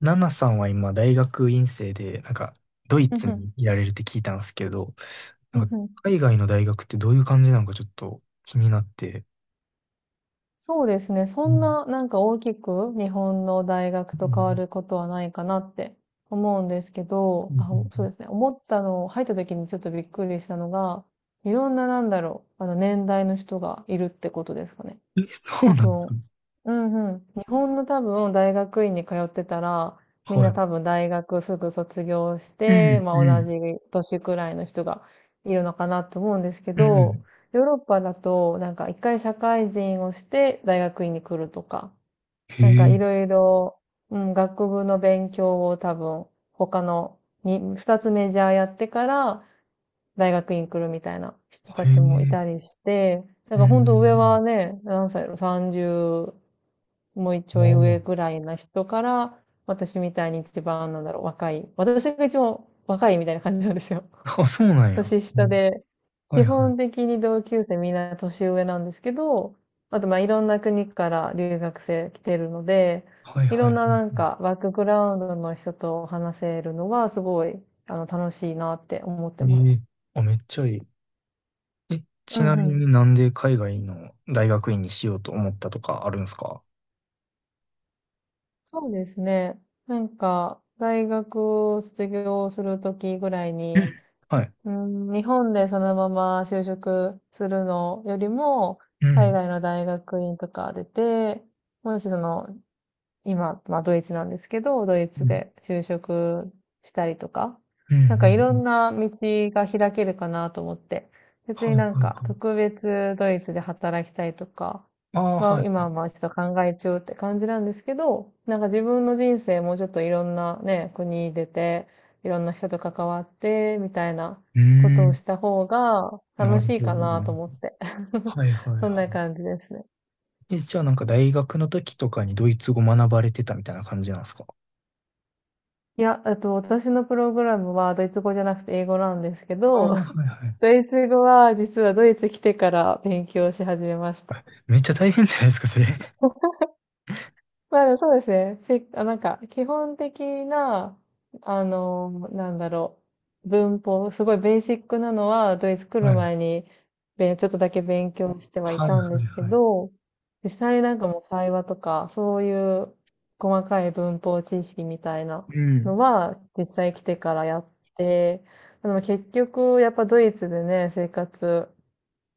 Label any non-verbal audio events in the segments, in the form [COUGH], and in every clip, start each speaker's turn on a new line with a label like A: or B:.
A: ナナさんは今、大学院生で、ドイ
B: う
A: ツ
B: んうん。
A: にいられるって聞いたんですけど、
B: う
A: な
B: ん
A: んか、
B: うん。
A: 海外の大学ってどういう感じなのかちょっと気になって。
B: そうですね。そ
A: う
B: ん
A: ん。
B: な、なんか大きく日本の大学
A: う
B: と変わ
A: ん
B: ることはないかなって思うんですけ
A: う
B: ど、
A: ん
B: あ、
A: うん
B: そう
A: う
B: ですね。思ったの、入った時にちょっとびっくりしたのが、いろんな、なんだろう、あの年代の人がいるってことですかね。
A: ん。え、そ
B: 多
A: うなんです
B: 分、
A: か？
B: うんうん。日本の多分大学院に通ってたら、みん
A: は
B: な
A: い。
B: 多分大学すぐ卒業し
A: うん
B: て、まあ
A: うん
B: 同じ年くらいの人がいるのかなと思うんですけ
A: う
B: ど、
A: ん。
B: ヨーロッパだとなんか一回社会人をして大学院に来るとか、
A: へ
B: なんかい
A: え、
B: ろいろ、うん、学部の勉強を多分他のに2つメジャーやってから大学院来るみたいな人た
A: へ
B: ちもい
A: え、
B: たりして、だ
A: う
B: から本当上
A: ん。
B: はね、何歳やろ、30もうちょ
A: まあ
B: い上
A: ま
B: ぐらいな人から、私みたいに一番、なんだろう、若い。私が一番若いみたいな感じなんですよ。
A: あ。あ、そうな
B: [LAUGHS]
A: んや。
B: 年
A: う
B: 下
A: ん。
B: で、
A: は
B: 基
A: いはい。
B: 本的に同級生みんな年上なんですけど、あとまあいろんな国から留学生来てるので、
A: はい
B: い
A: は
B: ろ
A: い
B: ん
A: は
B: な、なんか
A: い。
B: バックグラウンドの人と話せるのはすごい、あの楽しいなって思って
A: え
B: ます。
A: え、あ、めっちゃいい。え、
B: う
A: ち
B: ん
A: な
B: う
A: み
B: ん。
A: になんで海外の大学院にしようと思ったとかあるんですか？
B: そうですね。なんか、大学を卒業するときぐらい
A: う
B: に、
A: ん、はい。
B: うん、日本でそのまま就職するのよりも、
A: う
B: 海
A: ん、
B: 外の大学院とか出て、もしその今、まあドイツなんですけど、ドイツ
A: うん、
B: で就職したりとか、
A: うん、う
B: なんかい
A: ん。
B: ろ
A: う
B: ん
A: ん。
B: な道が開けるかなと思って、別
A: は
B: に
A: い、はい、
B: なん
A: はい。
B: か特別ドイツで働きたいとか、
A: ああ、
B: まあ
A: はい。
B: 今はまあちょっと考え中って感じなんですけど、なんか自分の人生もうちょっといろんなね、国出て、いろんな人と関わって、みたいな
A: うー
B: ことを
A: ん、
B: した方が
A: な
B: 楽
A: る
B: しい
A: ほ
B: か
A: ど、な
B: なと
A: る
B: 思っ
A: ほ
B: て。
A: ど。
B: [LAUGHS]
A: はい、はい、
B: そん
A: は
B: な感じですね。
A: い。え、じゃあなんか大学の時とかにドイツ語学ばれてたみたいな感じなんですか？
B: いや、私のプログラムはドイツ語じゃなくて英語なんですけ
A: ああ、
B: ど、
A: はい、はい。
B: [LAUGHS] ドイツ語は実はドイツ来てから勉強し始めました。
A: めっちゃ大変じゃないですか、それ。
B: まあそうですね。あ、なんか、基本的な、あの、なんだろう、文法、すごいベーシックなのは、ドイツ来
A: は
B: る
A: い。
B: 前に、ちょっとだけ勉強してはい
A: はい、
B: たんで
A: はい、
B: すけ
A: はい。
B: ど、実際になんかもう会話とか、そういう細かい文法知識みたいな
A: うん、
B: のは、実際来てからやって、でも結局、やっぱドイツでね、生活、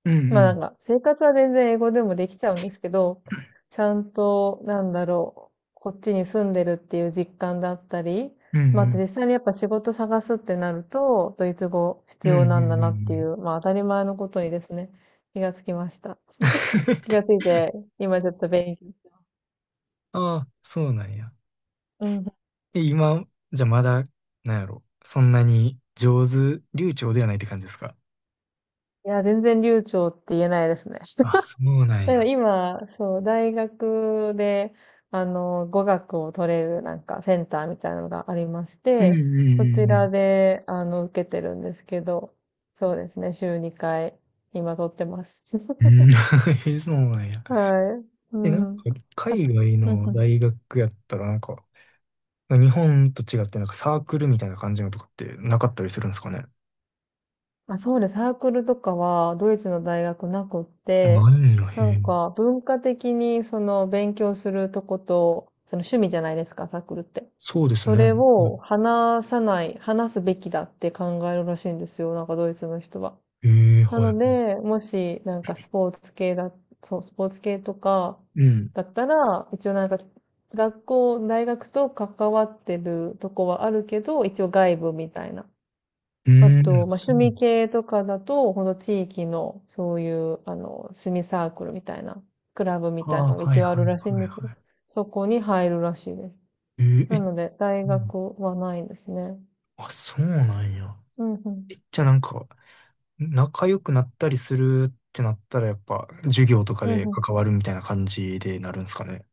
A: う
B: まあなん
A: ん、
B: か、生活は全然英語でもできちゃうんですけど、ちゃんと、なんだろう、こっちに住んでるっていう実感だったり、
A: うん、う
B: まああと
A: ん、
B: 実際にやっぱ仕事探すってなると、ドイツ語必
A: うん、うん、
B: 要
A: うん、うん。
B: なんだなって
A: う
B: い
A: ん。
B: う、まあ当たり前のことにですね、気がつきました。気がつい
A: [LAUGHS]
B: て、今ちょっと勉強して。
A: ああ、そうなんや。
B: うん。
A: え、今、じゃあまだ、なんやろ。そんなに上手、流暢ではないって感じですか？
B: いや、全然流暢って言えないですね。
A: あ、そうなん
B: だから
A: や。
B: 今、そう、大学で、あの、語学を取れるなんかセンターみたいなのがありまし
A: うんう
B: て、
A: ん
B: そ
A: う
B: ち
A: んう
B: ら
A: ん。
B: で、あの、受けてるんですけど、そうですね、週2回、今取ってます。
A: う
B: [LAUGHS]
A: ん、[LAUGHS] そうなんや。
B: はい。う
A: え、なん
B: ん。
A: か、
B: は
A: 海外
B: うん
A: の
B: うん。
A: 大学やったら、日本と違って、なんかサークルみたいな感じのとかってなかったりするんですかね。
B: まあ、そうです。サークルとかはドイツの大学なくっ
A: あ、な
B: て、
A: いんや、へ
B: な
A: え。
B: んか文化的にその勉強するとこと、その趣味じゃないですか、サークルって。
A: そうです
B: それ
A: ね。
B: を話さない、話すべきだって考えるらしいんですよ、なんかドイツの人は。
A: ええ、
B: な
A: は
B: の
A: い。
B: で、もしなんかスポーツ系だ、そう、スポーツ系とか
A: うん。
B: だったら、一応なんか学校、大学と関わってるとこはあるけど、一応外部みたいな。
A: う
B: あ
A: ーん、
B: と、まあ、
A: そ
B: 趣
A: う。
B: 味系とかだと、この地域の、そういう、あの、趣味サークルみたいな、クラブみ
A: あ
B: たいな
A: あ、
B: のが
A: はい
B: 一応
A: は
B: ある
A: い
B: らしいん
A: はい
B: ですよ。
A: はい。
B: そこに入るらしいです。
A: ええ、
B: な
A: え、
B: ので、大
A: うん。
B: 学はないですね。
A: あ、そうなんや。
B: うんうん。
A: え、じゃあなんか、仲良くなったりするってなったら、やっぱ、授業とか
B: うん
A: で
B: うん。
A: 関わるみたいな感じでなるんですかね。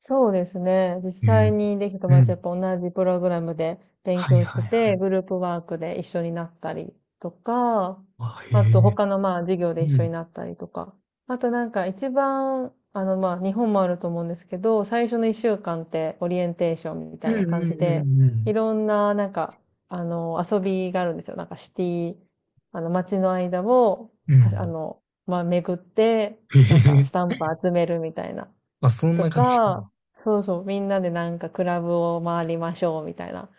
B: そうですね。実
A: え
B: 際
A: え、
B: にできた友
A: う
B: 達や
A: ん。
B: っぱ同じプログラムで勉
A: はい
B: 強し
A: はい
B: て
A: は
B: て、
A: い。
B: グループワークで一緒になったりとか、
A: あ、へ
B: あと
A: え。
B: 他のまあ授業で一
A: う
B: 緒に
A: ん。
B: なったりとか。あとなんか一番、あのまあ日本もあると思うんですけど、最初の1週間ってオリエンテーションみ
A: う
B: たいな
A: ん
B: 感
A: うん
B: じ
A: う
B: で、
A: んう
B: い
A: ん。
B: ろんな、なんか、あの遊びがあるんですよ。なんかシティ、あの街の間を、
A: う
B: あ
A: ん。
B: の、まあ巡って、
A: へ
B: なんかスタ
A: え。
B: ンプ集めるみたいな。
A: あ、そん
B: と
A: な感じ。
B: か、そうそう、みんなでなんかクラブを回りましょうみたいな。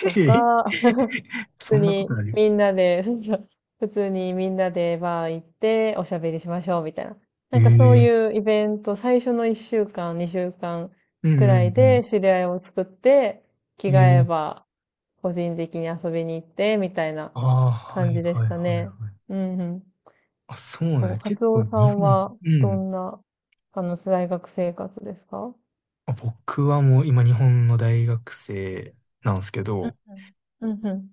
B: と
A: へえ。
B: か、[LAUGHS] 普
A: そ
B: 通
A: んなこと
B: に
A: ある？
B: みんなで、[LAUGHS] そうそう普通にみんなでバー行っておしゃべりしましょうみたいな。
A: へ
B: なんかそう
A: え。
B: いうイベント、最初の1週間、2週間
A: う
B: くらい
A: んう
B: で
A: ん
B: 知り合いを作って、
A: う
B: 着
A: ん。
B: 替
A: へ
B: え
A: え。
B: ば個人的に遊びに行ってみたいな
A: ああ、は
B: 感
A: い
B: じで
A: は
B: し
A: い
B: た
A: はいは
B: ね。
A: い。
B: うんうん。
A: あ、そう
B: そう、
A: ね。
B: カ
A: 結
B: ツオ
A: 構
B: さ
A: 日
B: ん
A: 本、
B: は
A: う
B: ど
A: ん。
B: んな、あの、大学生活ですか？
A: あ、僕はもう今日本の大学生なんですけ
B: うん
A: ど、
B: ふん、うんふん、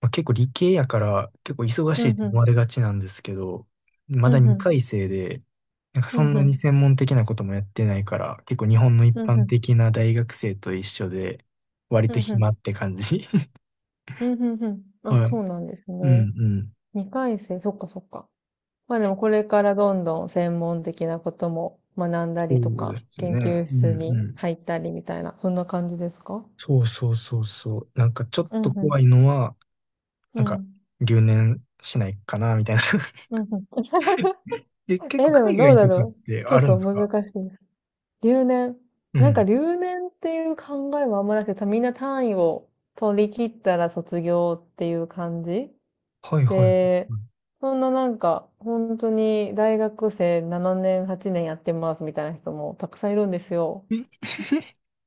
A: まあ、結構理系やから結構忙し
B: うん
A: い
B: ふ
A: と思
B: ん、
A: われがちなんですけど、ま
B: う
A: だ
B: んふ
A: 2回
B: ん、
A: 生で、なんか
B: う
A: そ
B: ん
A: ん
B: ふ
A: なに
B: ん、
A: 専門的なこともやってないから、結構日本の一
B: うんふ
A: 般
B: ん、
A: 的な大学生と一緒で、割
B: う
A: と
B: んふ
A: 暇
B: ん、
A: って感じ。[LAUGHS]
B: うんふん。あ、
A: はい。
B: そうなんです
A: う
B: ね。
A: んうん。
B: 2回生、そっかそっか。まあでもこれからどんどん専門的なことも学んだ
A: そ
B: りと
A: うで
B: か、
A: す
B: 研
A: ね。
B: 究
A: うん
B: 室に
A: うん。
B: 入ったりみたいな、そんな感じですか？
A: そうそうそうそう。なんかちょっ
B: うん
A: と
B: ふん、
A: 怖いのは、
B: う
A: なんか
B: ん、
A: 留年しないかな、みたいな。[LAUGHS]
B: うんふん。
A: え、結
B: え、
A: 構
B: でも
A: 海
B: どう
A: 外
B: だ
A: とかっ
B: ろう。
A: てあ
B: 結
A: るんで
B: 構
A: す
B: 難
A: か？
B: しいです。留年。
A: う
B: なんか
A: ん。
B: 留年っていう考えはあんまなくて、みんな単位を取り切ったら卒業っていう感じ
A: はいはいは
B: で、そんな、なんか、本当に大学生7年、8年やってますみたいな人もたくさんいるんですよ。
A: い。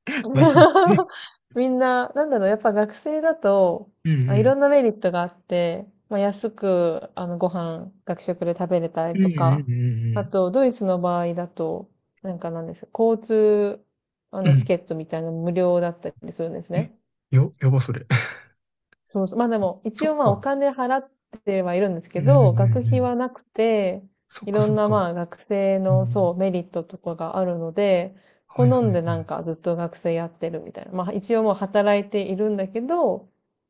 A: え、 [LAUGHS] マジ。
B: [LAUGHS] みんな、なんだろう、やっぱ学生だと、
A: うん
B: あ、
A: う
B: いろ
A: ん。
B: んなメリットがあって、まあ、安く、あの、ご飯、学食で食べれた
A: う
B: り
A: ん
B: と
A: う
B: か、
A: ん
B: あ
A: う
B: と、ドイツの場合だと、なんか、なんです、交通、あ
A: んうん。
B: の、
A: う
B: チ
A: ん。
B: ケットみたいなの無料だったりするんです
A: え、
B: ね。
A: や、やばそれ。[LAUGHS]
B: そうそう。まあでも、一
A: そっ
B: 応まあお
A: か。
B: 金払ってはいるんですけ
A: うんうんう
B: ど、学
A: んう
B: 費
A: ん。
B: はなくて、
A: そっ
B: い
A: か
B: ろ
A: そ
B: ん
A: っ
B: な
A: か。
B: まあ学生
A: う
B: の
A: ん。
B: そうメリットとかがあるので、
A: は
B: 好
A: いは
B: ん
A: い
B: で
A: は
B: なんかずっと学生やってるみたいな。まあ一応もう働いているんだけど、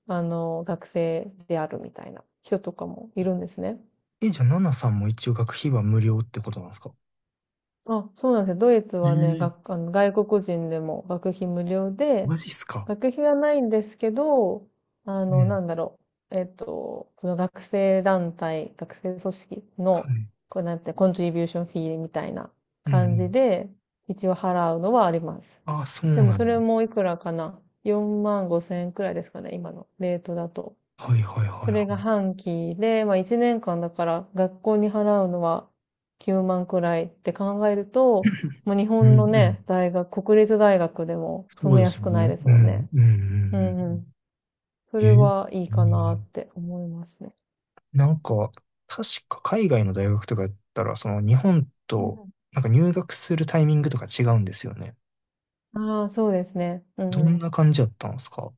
B: あの、学生であるみたいな人とかもいるんですね。
A: い。え、じゃあ、ナナさんも一応学費は無料ってことなんですか？
B: あ、そうなんですよ。ドイツはね、
A: ええ、
B: あの外国人でも学費無料で、
A: マジっすか。
B: 学費はないんですけど、あ
A: う
B: の、
A: ん。
B: なんだろう。その学生団体、学生組織
A: は
B: の、
A: い。
B: こうなんて、コントリビューションフィーみたいな
A: うんう
B: 感じ
A: ん。
B: で、一応払うのはあります。
A: ああ、そう
B: でも
A: な
B: そ
A: の。
B: れもいくらかな？ 4 万5千円くらいですかね、今のレートだと。
A: はいはいは
B: そ
A: い
B: れ
A: はい。
B: が半期で、まあ1年間だから学校に払うのは9万くらいって考えると、
A: [LAUGHS]
B: まあ日
A: うんう
B: 本の
A: ん。
B: ね、大学、国立大学でもそ
A: そ
B: ん
A: う
B: な
A: です
B: 安
A: ね。
B: くないです
A: う
B: もん
A: ん
B: ね。
A: うんう
B: う
A: ん
B: んうん。そ
A: うん。
B: れ
A: え、
B: はいい
A: う
B: かなっ
A: ん。
B: て思いますね。
A: なんか、確か海外の大学とかやったら、その日本
B: うん
A: と、
B: うん。
A: なんか入学するタイミングとか違うんですよね。
B: ああ、そうですね。うん
A: ど
B: う
A: ん
B: ん。
A: な感じだったんですか？は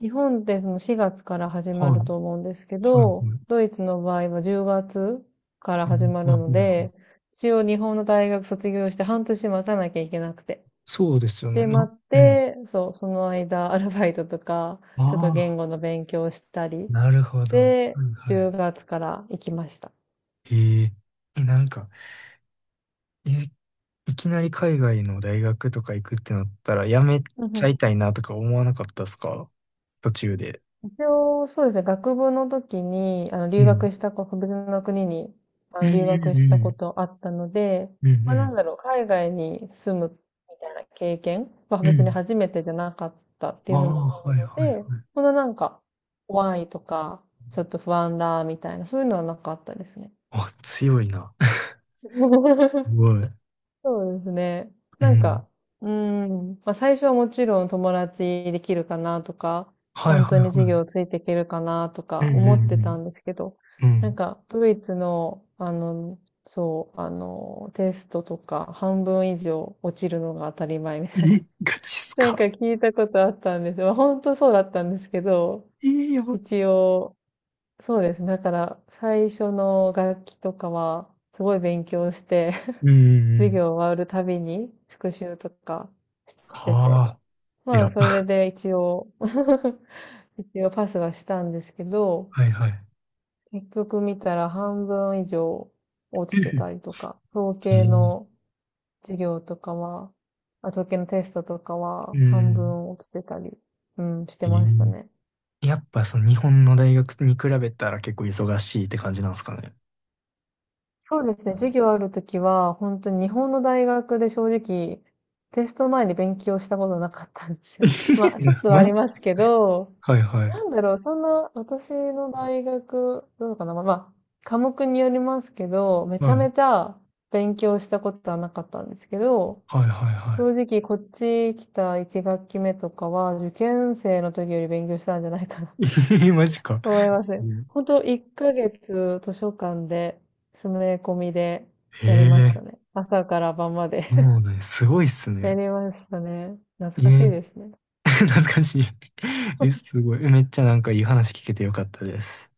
B: 日本ってその4月から始
A: い。
B: まる
A: はい。
B: と思うんですけ
A: は
B: ど、
A: い。
B: ドイツの場合は10月から
A: はい。
B: 始まる
A: は
B: の
A: い。は
B: で、
A: い。
B: 一応日本の大学卒業して半年待たなきゃいけなくて。
A: そうですよね。
B: で、
A: な、
B: 待
A: あ、
B: っ
A: うん。
B: て、そう、その間、[LAUGHS] アルバイトとか、ちょっと
A: あ
B: 言
A: あ、
B: 語の勉強をしたり、
A: なるほど。
B: で、
A: はいは
B: 10
A: い。
B: 月から行きました。
A: へえ。え、なんか、え、いきなり海外の大学とか行くってなったら、やめ
B: うんう
A: ちゃ
B: ん。
A: いたいなとか思わなかったですか、途中で。
B: 一応、そうですね、学部の時に、あの、
A: う
B: 留
A: ん。
B: 学したこ、別の国に、あ
A: う
B: の、
A: んう
B: 留学し
A: んう
B: たこ
A: ん。
B: とあったので、
A: うんう
B: まあ、なん
A: ん。
B: だろう、海外に住むみたいな経験は
A: う
B: 別に
A: ん。
B: 初めてじゃなかったって
A: あ
B: いう
A: あ、
B: のもあ
A: は
B: る
A: いはい
B: ので、
A: はい。
B: そんな、なんか、怖いとか、ちょっと不安だ、みたいな、そういうのはなかったですね。
A: あ、強いな。[LAUGHS] す
B: [LAUGHS]
A: ごい。
B: そうですね。
A: う
B: なんか、
A: ん。
B: うーん、まあ最初はもちろん友達できるかなとか、
A: はい
B: 本当
A: はい
B: に
A: は
B: 授
A: い。
B: 業ついていけるかなと
A: う
B: か
A: んう
B: 思ってたん
A: ん
B: ですけど、
A: うん。う
B: なん
A: ん。
B: かドイツの、あの、そう、あの、テストとか半分以上落ちるのが当たり前み
A: え、
B: たいな。
A: ガチっす
B: [LAUGHS] なんか
A: か。
B: 聞いたことあったんです。まあ本当そうだったんですけど、
A: えー、やば。
B: 一応、そうですね。だから最初の楽器とかはすごい勉強して、
A: うんうんう
B: 授
A: ん。
B: 業終わるたびに復習とかしてて。
A: はあ、え
B: まあ、
A: ら。
B: それ
A: [LAUGHS]
B: で一応 [LAUGHS] 一応パスはしたんですけど、
A: はいはい。
B: 結局見たら半分以上落ちてた
A: [LAUGHS]
B: りとか、
A: えー、
B: 授業とかは、統計のテストとかは
A: う
B: 半
A: ん。
B: 分落ちてたり、うん、して
A: え
B: ました
A: ー、
B: ね。
A: やっぱその日本の大学に比べたら結構忙しいって感じなんですかね。
B: そうですね。授業あるときは、本当に日本の大学で正直、テスト前に勉強したことなかったんですよ。[LAUGHS] まあ、
A: [LAUGHS] い
B: ちょっ
A: や、
B: とはあ
A: マ
B: り
A: ジ。
B: ますけど、
A: はいはい。
B: なんだろう、そんな、私の大学、どうかな、まあ、まあ科目によりますけど、めち
A: は
B: ゃ
A: い。
B: めちゃ勉強したことはなかったんですけど、
A: はいはいは
B: 正直こっち来た1学期目とかは、受験生の時より勉強したんじゃないかなっ
A: い。
B: て
A: [LAUGHS] えー、マジか。
B: 思います
A: う
B: ね。
A: ん。
B: 本当1ヶ月図書館で、詰め込みで
A: え
B: やりました
A: ー。
B: ね。朝から晩まで
A: そ
B: [LAUGHS]
A: うね。すごいっす
B: や
A: ね。
B: りましたね。
A: え
B: 懐かしい
A: え。
B: ですね。
A: [LAUGHS] 懐かしい。え、すごい。え、めっちゃなんかいい話聞けてよかったです。